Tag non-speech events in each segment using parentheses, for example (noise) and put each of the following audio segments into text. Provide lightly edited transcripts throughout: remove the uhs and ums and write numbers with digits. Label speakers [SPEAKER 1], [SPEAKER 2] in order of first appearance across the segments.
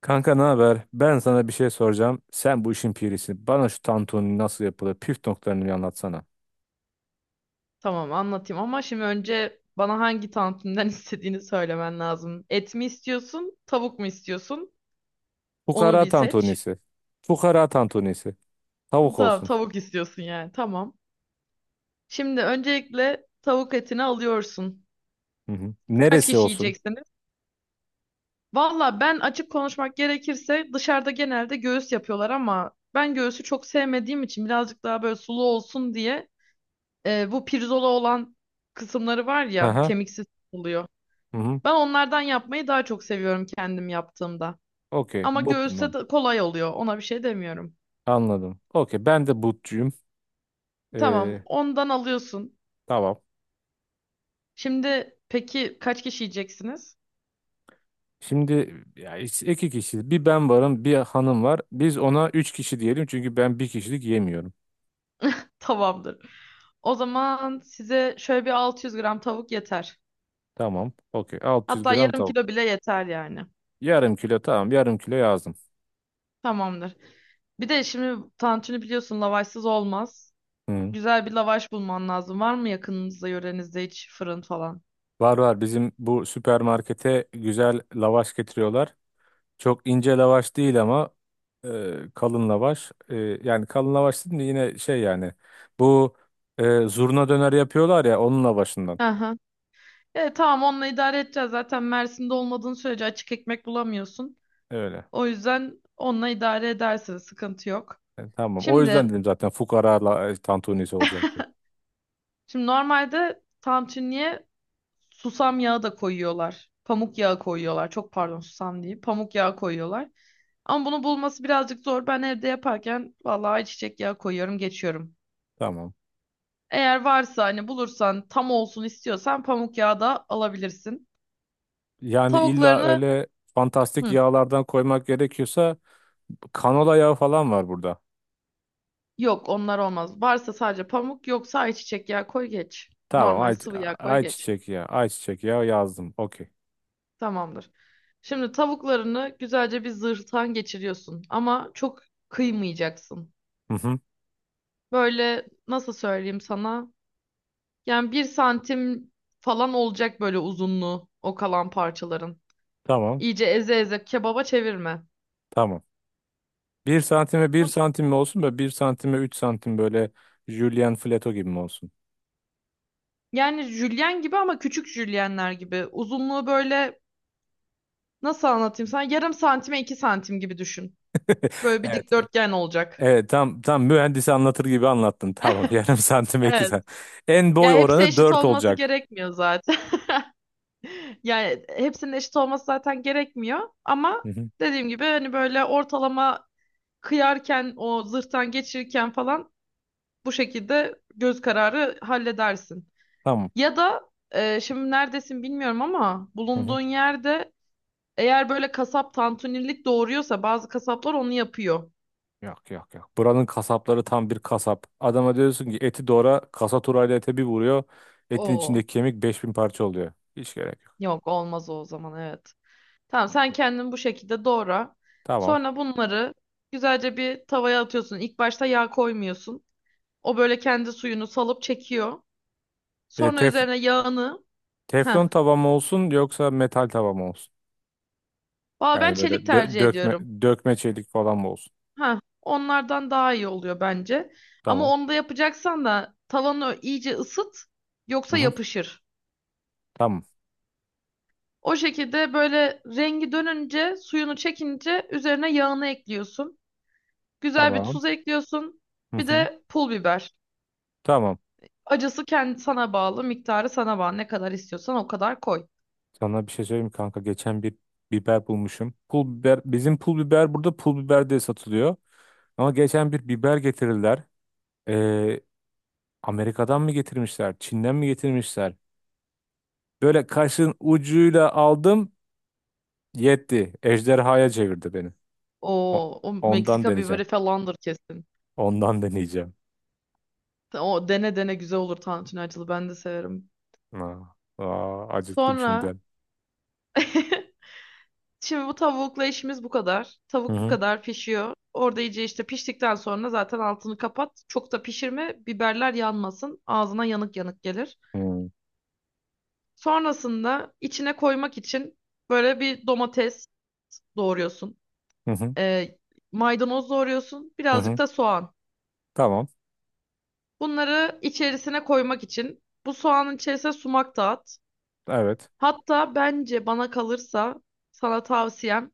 [SPEAKER 1] Kanka ne haber? Ben sana bir şey soracağım. Sen bu işin pirisin. Bana şu tantuni nasıl yapılır? Püf noktalarını bir anlatsana.
[SPEAKER 2] Tamam anlatayım ama şimdi önce bana hangi tantuniden (laughs) istediğini söylemen lazım. Et mi istiyorsun, tavuk mu istiyorsun? Onu
[SPEAKER 1] Fukara
[SPEAKER 2] bir seç.
[SPEAKER 1] tantunisi. Fukara tantunisi. Tavuk
[SPEAKER 2] Tamam,
[SPEAKER 1] olsun.
[SPEAKER 2] tavuk istiyorsun yani. Tamam. Şimdi öncelikle tavuk etini alıyorsun.
[SPEAKER 1] Hı hı.
[SPEAKER 2] Kaç
[SPEAKER 1] Neresi
[SPEAKER 2] kişi
[SPEAKER 1] olsun?
[SPEAKER 2] yiyeceksiniz? Valla ben açık konuşmak gerekirse dışarıda genelde göğüs yapıyorlar ama ben göğsü çok sevmediğim için birazcık daha böyle sulu olsun diye bu pirzola olan kısımları var
[SPEAKER 1] Hı
[SPEAKER 2] ya
[SPEAKER 1] hı.
[SPEAKER 2] kemiksiz oluyor.
[SPEAKER 1] Hı hı.
[SPEAKER 2] Ben onlardan yapmayı daha çok seviyorum kendim yaptığımda.
[SPEAKER 1] Okey.
[SPEAKER 2] Ama göğüste
[SPEAKER 1] But'tan.
[SPEAKER 2] de kolay oluyor. Ona bir şey demiyorum.
[SPEAKER 1] Anladım. Okey. Ben de butçuyum.
[SPEAKER 2] Tamam,
[SPEAKER 1] Ee,
[SPEAKER 2] ondan alıyorsun.
[SPEAKER 1] tamam.
[SPEAKER 2] Şimdi peki kaç kişi yiyeceksiniz?
[SPEAKER 1] Şimdi ya, işte iki kişiyiz. Bir ben varım, bir hanım var. Biz ona üç kişi diyelim çünkü ben bir kişilik yemiyorum.
[SPEAKER 2] (laughs) Tamamdır. O zaman size şöyle bir 600 gram tavuk yeter.
[SPEAKER 1] Tamam. Okey, 600
[SPEAKER 2] Hatta
[SPEAKER 1] gram
[SPEAKER 2] yarım
[SPEAKER 1] tavuk.
[SPEAKER 2] kilo bile yeter yani.
[SPEAKER 1] Yarım kilo tamam. Yarım kilo yazdım.
[SPEAKER 2] Tamamdır. Bir de şimdi tantuni biliyorsun lavaşsız olmaz.
[SPEAKER 1] Hı.
[SPEAKER 2] Güzel bir lavaş bulman lazım. Var mı yakınınızda, yörenizde hiç fırın falan?
[SPEAKER 1] Var var, bizim bu süpermarkete güzel lavaş getiriyorlar. Çok ince lavaş değil ama kalın lavaş. Yani kalın lavaş değil de yine şey, yani bu zurna döner yapıyorlar ya, onun lavaşından.
[SPEAKER 2] Hı hı. E, tamam onunla idare edeceğiz. Zaten Mersin'de olmadığın sürece açık ekmek bulamıyorsun.
[SPEAKER 1] Öyle.
[SPEAKER 2] O yüzden onunla idare edersiniz, sıkıntı yok.
[SPEAKER 1] Tamam. O yüzden
[SPEAKER 2] Şimdi
[SPEAKER 1] dedim zaten fukara tantunisi olacak diye.
[SPEAKER 2] şimdi normalde tantuniye susam yağı da koyuyorlar. Pamuk yağı koyuyorlar. Çok pardon susam değil. Pamuk yağı koyuyorlar. Ama bunu bulması birazcık zor. Ben evde yaparken vallahi ayçiçek yağı koyuyorum, geçiyorum.
[SPEAKER 1] Tamam.
[SPEAKER 2] Eğer varsa hani bulursan tam olsun istiyorsan pamuk yağı da alabilirsin.
[SPEAKER 1] Yani illa
[SPEAKER 2] Tavuklarını
[SPEAKER 1] öyle fantastik
[SPEAKER 2] hı,
[SPEAKER 1] yağlardan koymak gerekiyorsa, kanola yağı falan var burada.
[SPEAKER 2] yok onlar olmaz. Varsa sadece pamuk yoksa ayçiçek yağı koy geç.
[SPEAKER 1] Tamam
[SPEAKER 2] Normal
[SPEAKER 1] ay,
[SPEAKER 2] sıvı yağ koy geç.
[SPEAKER 1] ayçiçek yağı. Ayçiçek yağı yazdım. Okey.
[SPEAKER 2] Tamamdır. Şimdi tavuklarını güzelce bir zırhtan geçiriyorsun ama çok kıymayacaksın.
[SPEAKER 1] Hı hı.
[SPEAKER 2] Böyle nasıl söyleyeyim sana? Yani bir santim falan olacak böyle uzunluğu o kalan parçaların.
[SPEAKER 1] Tamam.
[SPEAKER 2] İyice eze eze kebaba çevirme.
[SPEAKER 1] Tamam. Bir santime bir
[SPEAKER 2] Bu-
[SPEAKER 1] santim mi olsun, böyle 1 santime 3 santim, böyle Julian Fleto gibi mi olsun?
[SPEAKER 2] Yani jülyen gibi ama küçük jülyenler gibi. Uzunluğu böyle nasıl anlatayım sana? Yarım santime iki santim gibi düşün.
[SPEAKER 1] (laughs)
[SPEAKER 2] Böyle bir
[SPEAKER 1] Evet.
[SPEAKER 2] dikdörtgen olacak.
[SPEAKER 1] Evet, tam tam mühendisi anlatır gibi anlattın. Tamam, (laughs) yarım santime iki
[SPEAKER 2] Evet.
[SPEAKER 1] santim. En
[SPEAKER 2] Ya
[SPEAKER 1] boy
[SPEAKER 2] hepsi
[SPEAKER 1] oranı
[SPEAKER 2] eşit
[SPEAKER 1] dört
[SPEAKER 2] olması
[SPEAKER 1] olacak.
[SPEAKER 2] gerekmiyor zaten. Yani hepsinin eşit olması zaten gerekmiyor
[SPEAKER 1] Hı
[SPEAKER 2] ama
[SPEAKER 1] hı.
[SPEAKER 2] dediğim gibi hani böyle ortalama kıyarken o zırhtan geçirirken falan bu şekilde göz kararı halledersin.
[SPEAKER 1] Tamam.
[SPEAKER 2] Ya da şimdi neredesin bilmiyorum ama
[SPEAKER 1] Hı hı.
[SPEAKER 2] bulunduğun yerde eğer böyle kasap tantunilik doğuruyorsa bazı kasaplar onu yapıyor.
[SPEAKER 1] Yok yok yok. Buranın kasapları tam bir kasap. Adama diyorsun ki eti doğra, kasaturayla turayla ete bir vuruyor. Etin
[SPEAKER 2] Oo,
[SPEAKER 1] içindeki kemik 5.000 parça oluyor. Hiç gerek yok.
[SPEAKER 2] yok olmaz o zaman, evet. Tamam sen kendin bu şekilde doğra.
[SPEAKER 1] Tamam.
[SPEAKER 2] Sonra bunları güzelce bir tavaya atıyorsun. İlk başta yağ koymuyorsun. O böyle kendi suyunu salıp çekiyor.
[SPEAKER 1] E,
[SPEAKER 2] Sonra
[SPEAKER 1] tef-
[SPEAKER 2] üzerine yağını. Heh.
[SPEAKER 1] teflon tava mı olsun yoksa metal tava mı olsun?
[SPEAKER 2] Valla ben
[SPEAKER 1] Yani böyle
[SPEAKER 2] çelik tercih ediyorum.
[SPEAKER 1] dökme çelik falan mı olsun?
[SPEAKER 2] Heh. Onlardan daha iyi oluyor bence. Ama
[SPEAKER 1] Tamam.
[SPEAKER 2] onu da yapacaksan da tavanı iyice ısıt.
[SPEAKER 1] Hı
[SPEAKER 2] Yoksa
[SPEAKER 1] hı.
[SPEAKER 2] yapışır.
[SPEAKER 1] Tamam.
[SPEAKER 2] O şekilde böyle rengi dönünce suyunu çekince üzerine yağını ekliyorsun. Güzel bir
[SPEAKER 1] Tamam.
[SPEAKER 2] tuz ekliyorsun.
[SPEAKER 1] Hı
[SPEAKER 2] Bir
[SPEAKER 1] hı.
[SPEAKER 2] de pul biber.
[SPEAKER 1] Tamam.
[SPEAKER 2] Acısı kendi sana bağlı, miktarı sana bağlı. Ne kadar istiyorsan o kadar koy.
[SPEAKER 1] Sana bir şey söyleyeyim mi kanka? Geçen bir biber bulmuşum. Pul biber. Bizim pul biber burada pul biber diye satılıyor. Ama geçen bir biber getirdiler. Ee, Amerika'dan mı getirmişler, Çin'den mi getirmişler? Böyle kaşın ucuyla aldım. Yetti. Ejderhaya çevirdi beni.
[SPEAKER 2] O,
[SPEAKER 1] O-
[SPEAKER 2] o
[SPEAKER 1] Ondan
[SPEAKER 2] Meksika
[SPEAKER 1] deneyeceğim.
[SPEAKER 2] biberi falandır kesin.
[SPEAKER 1] Ondan deneyeceğim.
[SPEAKER 2] O dene dene güzel olur tantuni acılı. Ben de severim.
[SPEAKER 1] Aa, aa, acıktım
[SPEAKER 2] Sonra
[SPEAKER 1] şimdiden.
[SPEAKER 2] (laughs) şimdi bu tavukla işimiz bu kadar.
[SPEAKER 1] Hı
[SPEAKER 2] Tavuk bu
[SPEAKER 1] hı.
[SPEAKER 2] kadar pişiyor. Orada iyice işte piştikten sonra zaten altını kapat. Çok da pişirme. Biberler yanmasın. Ağzına yanık yanık gelir.
[SPEAKER 1] Hı hı.
[SPEAKER 2] Sonrasında içine koymak için böyle bir domates doğruyorsun.
[SPEAKER 1] Hı hı.
[SPEAKER 2] Ee, maydanoz doğruyorsun.
[SPEAKER 1] Hı
[SPEAKER 2] Birazcık
[SPEAKER 1] hı.
[SPEAKER 2] da soğan.
[SPEAKER 1] Tamam.
[SPEAKER 2] Bunları içerisine koymak için bu soğanın içerisine sumak da at.
[SPEAKER 1] Evet.
[SPEAKER 2] Hatta bence bana kalırsa sana tavsiyem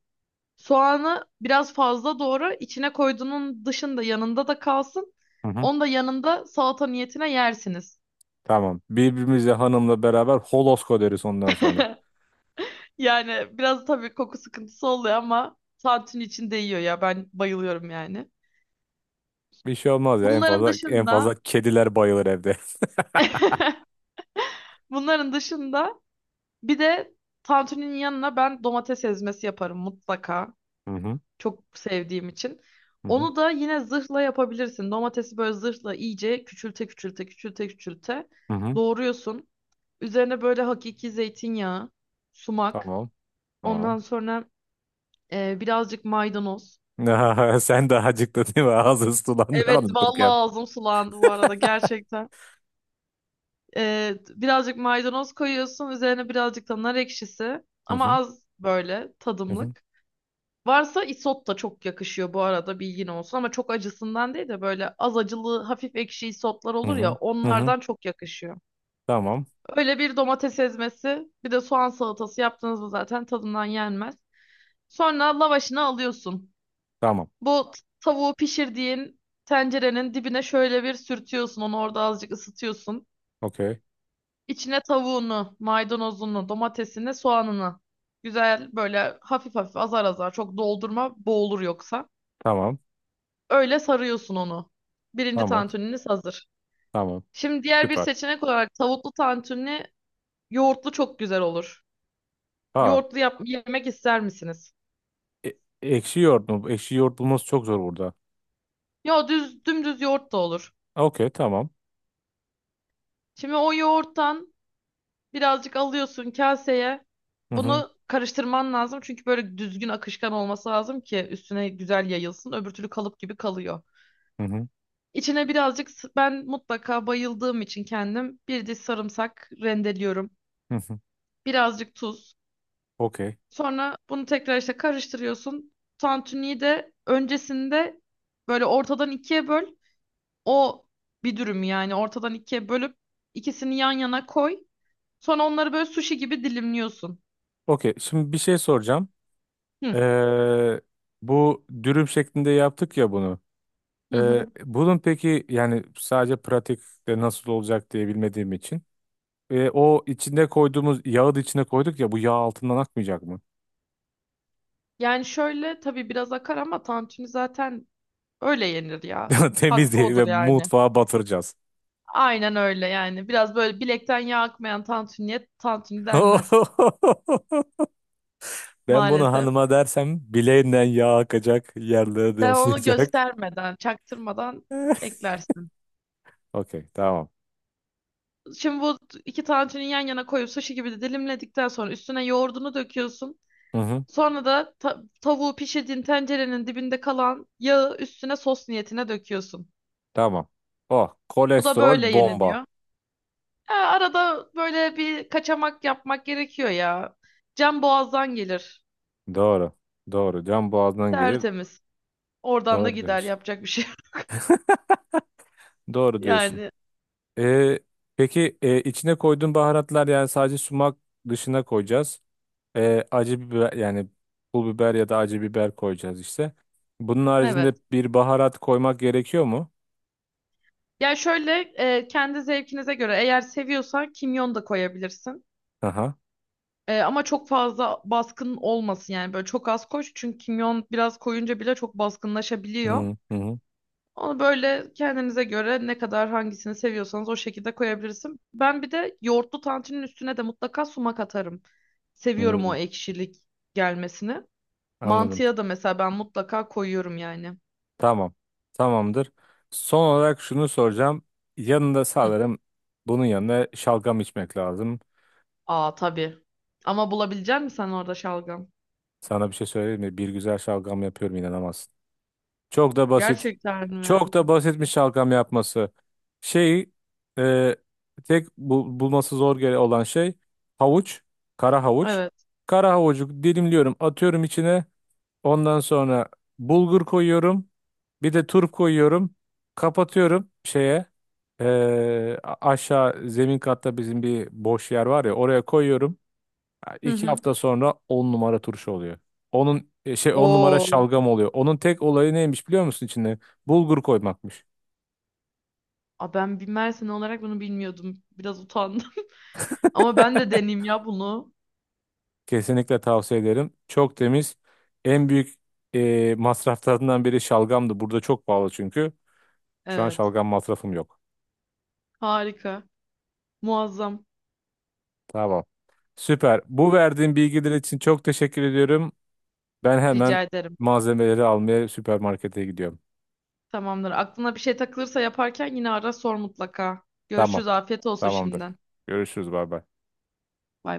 [SPEAKER 2] soğanı biraz fazla doğra içine koyduğunun dışında yanında da kalsın.
[SPEAKER 1] Hı hı.
[SPEAKER 2] Onu da yanında salata niyetine yersiniz.
[SPEAKER 1] Tamam. Birbirimize hanımla beraber holosko deriz ondan sonra.
[SPEAKER 2] Yani biraz tabii koku sıkıntısı oluyor ama tantuni içinde yiyor ya ben bayılıyorum yani.
[SPEAKER 1] Bir şey olmaz ya. En
[SPEAKER 2] Bunların
[SPEAKER 1] fazla en
[SPEAKER 2] dışında
[SPEAKER 1] fazla kediler bayılır evde.
[SPEAKER 2] (laughs) bunların dışında bir de tantuninin yanına ben domates ezmesi yaparım mutlaka.
[SPEAKER 1] (laughs) Hı hı.
[SPEAKER 2] Çok sevdiğim için.
[SPEAKER 1] Hı hı.
[SPEAKER 2] Onu da yine zırhla yapabilirsin. Domatesi böyle zırhla iyice küçülte küçülte küçülte küçülte
[SPEAKER 1] Hı hı.
[SPEAKER 2] doğruyorsun. Üzerine böyle hakiki zeytinyağı, sumak,
[SPEAKER 1] Tamam.
[SPEAKER 2] ondan
[SPEAKER 1] Tamam.
[SPEAKER 2] sonra birazcık maydanoz.
[SPEAKER 1] (laughs) Sen daha acıktın değil mi? Ağzın sulandı
[SPEAKER 2] Evet vallahi
[SPEAKER 1] anlatırken.
[SPEAKER 2] ağzım sulandı bu arada gerçekten. Birazcık maydanoz koyuyorsun, üzerine birazcık da nar ekşisi
[SPEAKER 1] Hı
[SPEAKER 2] ama
[SPEAKER 1] hı.
[SPEAKER 2] az böyle
[SPEAKER 1] Hı hı.
[SPEAKER 2] tadımlık. Varsa isot da çok yakışıyor bu arada bilgin olsun ama çok acısından değil de böyle az acılı hafif ekşi isotlar
[SPEAKER 1] Hı
[SPEAKER 2] olur ya
[SPEAKER 1] hı. Hı hı.
[SPEAKER 2] onlardan çok yakışıyor.
[SPEAKER 1] Tamam.
[SPEAKER 2] Öyle bir domates ezmesi bir de soğan salatası yaptığınızda zaten tadından yenmez. Sonra lavaşını alıyorsun.
[SPEAKER 1] Tamam.
[SPEAKER 2] Tavuğu pişirdiğin tencerenin dibine şöyle bir sürtüyorsun onu orada azıcık ısıtıyorsun.
[SPEAKER 1] Okey.
[SPEAKER 2] İçine tavuğunu, maydanozunu, domatesini, soğanını güzel böyle hafif hafif azar azar çok doldurma boğulur yoksa.
[SPEAKER 1] Tamam.
[SPEAKER 2] Öyle sarıyorsun onu. Birinci
[SPEAKER 1] Tamam.
[SPEAKER 2] tantuniniz hazır.
[SPEAKER 1] Tamam.
[SPEAKER 2] Şimdi diğer bir
[SPEAKER 1] Süper.
[SPEAKER 2] seçenek olarak tavuklu tantuni yoğurtlu çok güzel olur.
[SPEAKER 1] Ha.
[SPEAKER 2] Yoğurtlu yap yemek ister misiniz?
[SPEAKER 1] E ekşi yoğurt mu? Ekşi yoğurt bulması çok zor burada.
[SPEAKER 2] Ya düz dümdüz yoğurt da olur.
[SPEAKER 1] Okey. Tamam.
[SPEAKER 2] Şimdi o yoğurttan birazcık alıyorsun kaseye.
[SPEAKER 1] Hı hı.
[SPEAKER 2] Bunu karıştırman lazım çünkü böyle düzgün akışkan olması lazım ki üstüne güzel yayılsın. Öbür türlü kalıp gibi kalıyor.
[SPEAKER 1] Hı hı.
[SPEAKER 2] İçine birazcık ben mutlaka bayıldığım için kendim bir diş sarımsak rendeliyorum.
[SPEAKER 1] Hı hı.
[SPEAKER 2] Birazcık tuz.
[SPEAKER 1] Okey.
[SPEAKER 2] Sonra bunu tekrar işte karıştırıyorsun. Tantuniyi de öncesinde böyle ortadan ikiye böl. O bir dürüm yani ortadan ikiye bölüp ikisini yan yana koy. Sonra onları böyle sushi gibi dilimliyorsun.
[SPEAKER 1] Okey. Şimdi bir şey soracağım.
[SPEAKER 2] Hı.
[SPEAKER 1] Ee, bu dürüm şeklinde yaptık ya bunu.
[SPEAKER 2] Hı hı.
[SPEAKER 1] Bunun peki, yani sadece pratikte nasıl olacak diye bilmediğim için. O içinde koyduğumuz yağı da içine koyduk ya, bu yağ altından akmayacak mı?
[SPEAKER 2] Yani şöyle tabii biraz akar ama tantuni zaten öyle yenir ya.
[SPEAKER 1] (laughs)
[SPEAKER 2] Hakkı
[SPEAKER 1] Temizliği ve
[SPEAKER 2] odur yani.
[SPEAKER 1] mutfağa batıracağız.
[SPEAKER 2] Aynen öyle yani. Biraz böyle bilekten yağ akmayan tantuniye tantuni denmez
[SPEAKER 1] (laughs) Ben bunu
[SPEAKER 2] maalesef.
[SPEAKER 1] hanıma dersem bileğinden yağ akacak, yerlere de
[SPEAKER 2] Sen onu
[SPEAKER 1] olmayacak.
[SPEAKER 2] göstermeden, çaktırmadan
[SPEAKER 1] (laughs)
[SPEAKER 2] eklersin.
[SPEAKER 1] Okey, tamam.
[SPEAKER 2] Şimdi bu iki tantuni yan yana koyup sushi gibi de dilimledikten sonra üstüne yoğurdunu döküyorsun.
[SPEAKER 1] Hı hı,
[SPEAKER 2] Sonra da tavuğu pişirdiğin tencerenin dibinde kalan yağı üstüne sos niyetine döküyorsun.
[SPEAKER 1] tamam. Oh,
[SPEAKER 2] Bu da
[SPEAKER 1] kolesterol
[SPEAKER 2] böyle
[SPEAKER 1] bomba.
[SPEAKER 2] yeniliyor. Ha, arada böyle bir kaçamak yapmak gerekiyor ya. Can boğazdan gelir.
[SPEAKER 1] Doğru. Doğru. Can boğazdan gelir.
[SPEAKER 2] Tertemiz. Oradan da
[SPEAKER 1] Doğru
[SPEAKER 2] gider,
[SPEAKER 1] diyorsun.
[SPEAKER 2] yapacak bir şey yok.
[SPEAKER 1] Doğru
[SPEAKER 2] (laughs)
[SPEAKER 1] diyorsun.
[SPEAKER 2] Yani
[SPEAKER 1] Ee, peki, içine koyduğun baharatlar yani sadece sumak, dışına koyacağız. Acı biber yani, pul biber ya da acı biber koyacağız işte. Bunun haricinde
[SPEAKER 2] evet.
[SPEAKER 1] bir baharat koymak gerekiyor mu?
[SPEAKER 2] Ya şöyle kendi zevkinize göre eğer seviyorsan kimyon da koyabilirsin.
[SPEAKER 1] Aha.
[SPEAKER 2] Ama çok fazla baskın olmasın yani böyle çok az koş çünkü kimyon biraz koyunca bile çok baskınlaşabiliyor.
[SPEAKER 1] Hı hı hı.
[SPEAKER 2] Onu böyle kendinize göre ne kadar hangisini seviyorsanız o şekilde koyabilirsin. Ben bir de yoğurtlu tantinin üstüne de mutlaka sumak atarım. Seviyorum o
[SPEAKER 1] Hı.
[SPEAKER 2] ekşilik gelmesini.
[SPEAKER 1] Anladım.
[SPEAKER 2] Mantıya da mesela ben mutlaka koyuyorum yani.
[SPEAKER 1] Tamam. Tamamdır. Son olarak şunu soracağım. Yanında
[SPEAKER 2] Hı.
[SPEAKER 1] sanırım, bunun yanına şalgam içmek lazım.
[SPEAKER 2] Aa tabii. Ama bulabilecek misin sen orada şalgam?
[SPEAKER 1] Sana bir şey söyleyeyim mi? Bir güzel şalgam yapıyorum, inanamazsın. Çok da basit.
[SPEAKER 2] Gerçekten mi?
[SPEAKER 1] Çok da basitmiş şalgam yapması. Şey e, tek bulması zor gele olan şey, havuç, kara havuç.
[SPEAKER 2] Evet.
[SPEAKER 1] Kara havucu dilimliyorum, atıyorum içine. Ondan sonra bulgur koyuyorum. Bir de turp koyuyorum. Kapatıyorum şeye. Aşağı zemin katta bizim bir boş yer var ya, oraya koyuyorum. Ha,
[SPEAKER 2] Hı
[SPEAKER 1] İki
[SPEAKER 2] hı.
[SPEAKER 1] hafta sonra 10 numara turşu oluyor. Onun 10 numara
[SPEAKER 2] Oo.
[SPEAKER 1] şalgam oluyor. Onun tek olayı neymiş biliyor musun içinde? Bulgur koymakmış.
[SPEAKER 2] Aa, ben bir Mersin olarak bunu bilmiyordum. Biraz utandım. Ama ben de deneyeyim ya bunu.
[SPEAKER 1] Kesinlikle tavsiye ederim. Çok temiz. En büyük masraflarından biri şalgamdı. Burada çok pahalı çünkü. Şu an
[SPEAKER 2] Evet.
[SPEAKER 1] şalgam masrafım yok.
[SPEAKER 2] Harika. Muazzam.
[SPEAKER 1] Tamam. Süper. Bu verdiğin bilgiler için çok teşekkür ediyorum. Ben hemen
[SPEAKER 2] Rica ederim.
[SPEAKER 1] malzemeleri almaya süpermarkete gidiyorum.
[SPEAKER 2] Tamamdır. Aklına bir şey takılırsa yaparken yine ara sor mutlaka.
[SPEAKER 1] Tamam.
[SPEAKER 2] Görüşürüz. Afiyet olsun
[SPEAKER 1] Tamamdır.
[SPEAKER 2] şimdiden.
[SPEAKER 1] Görüşürüz. Bay bay.
[SPEAKER 2] Bay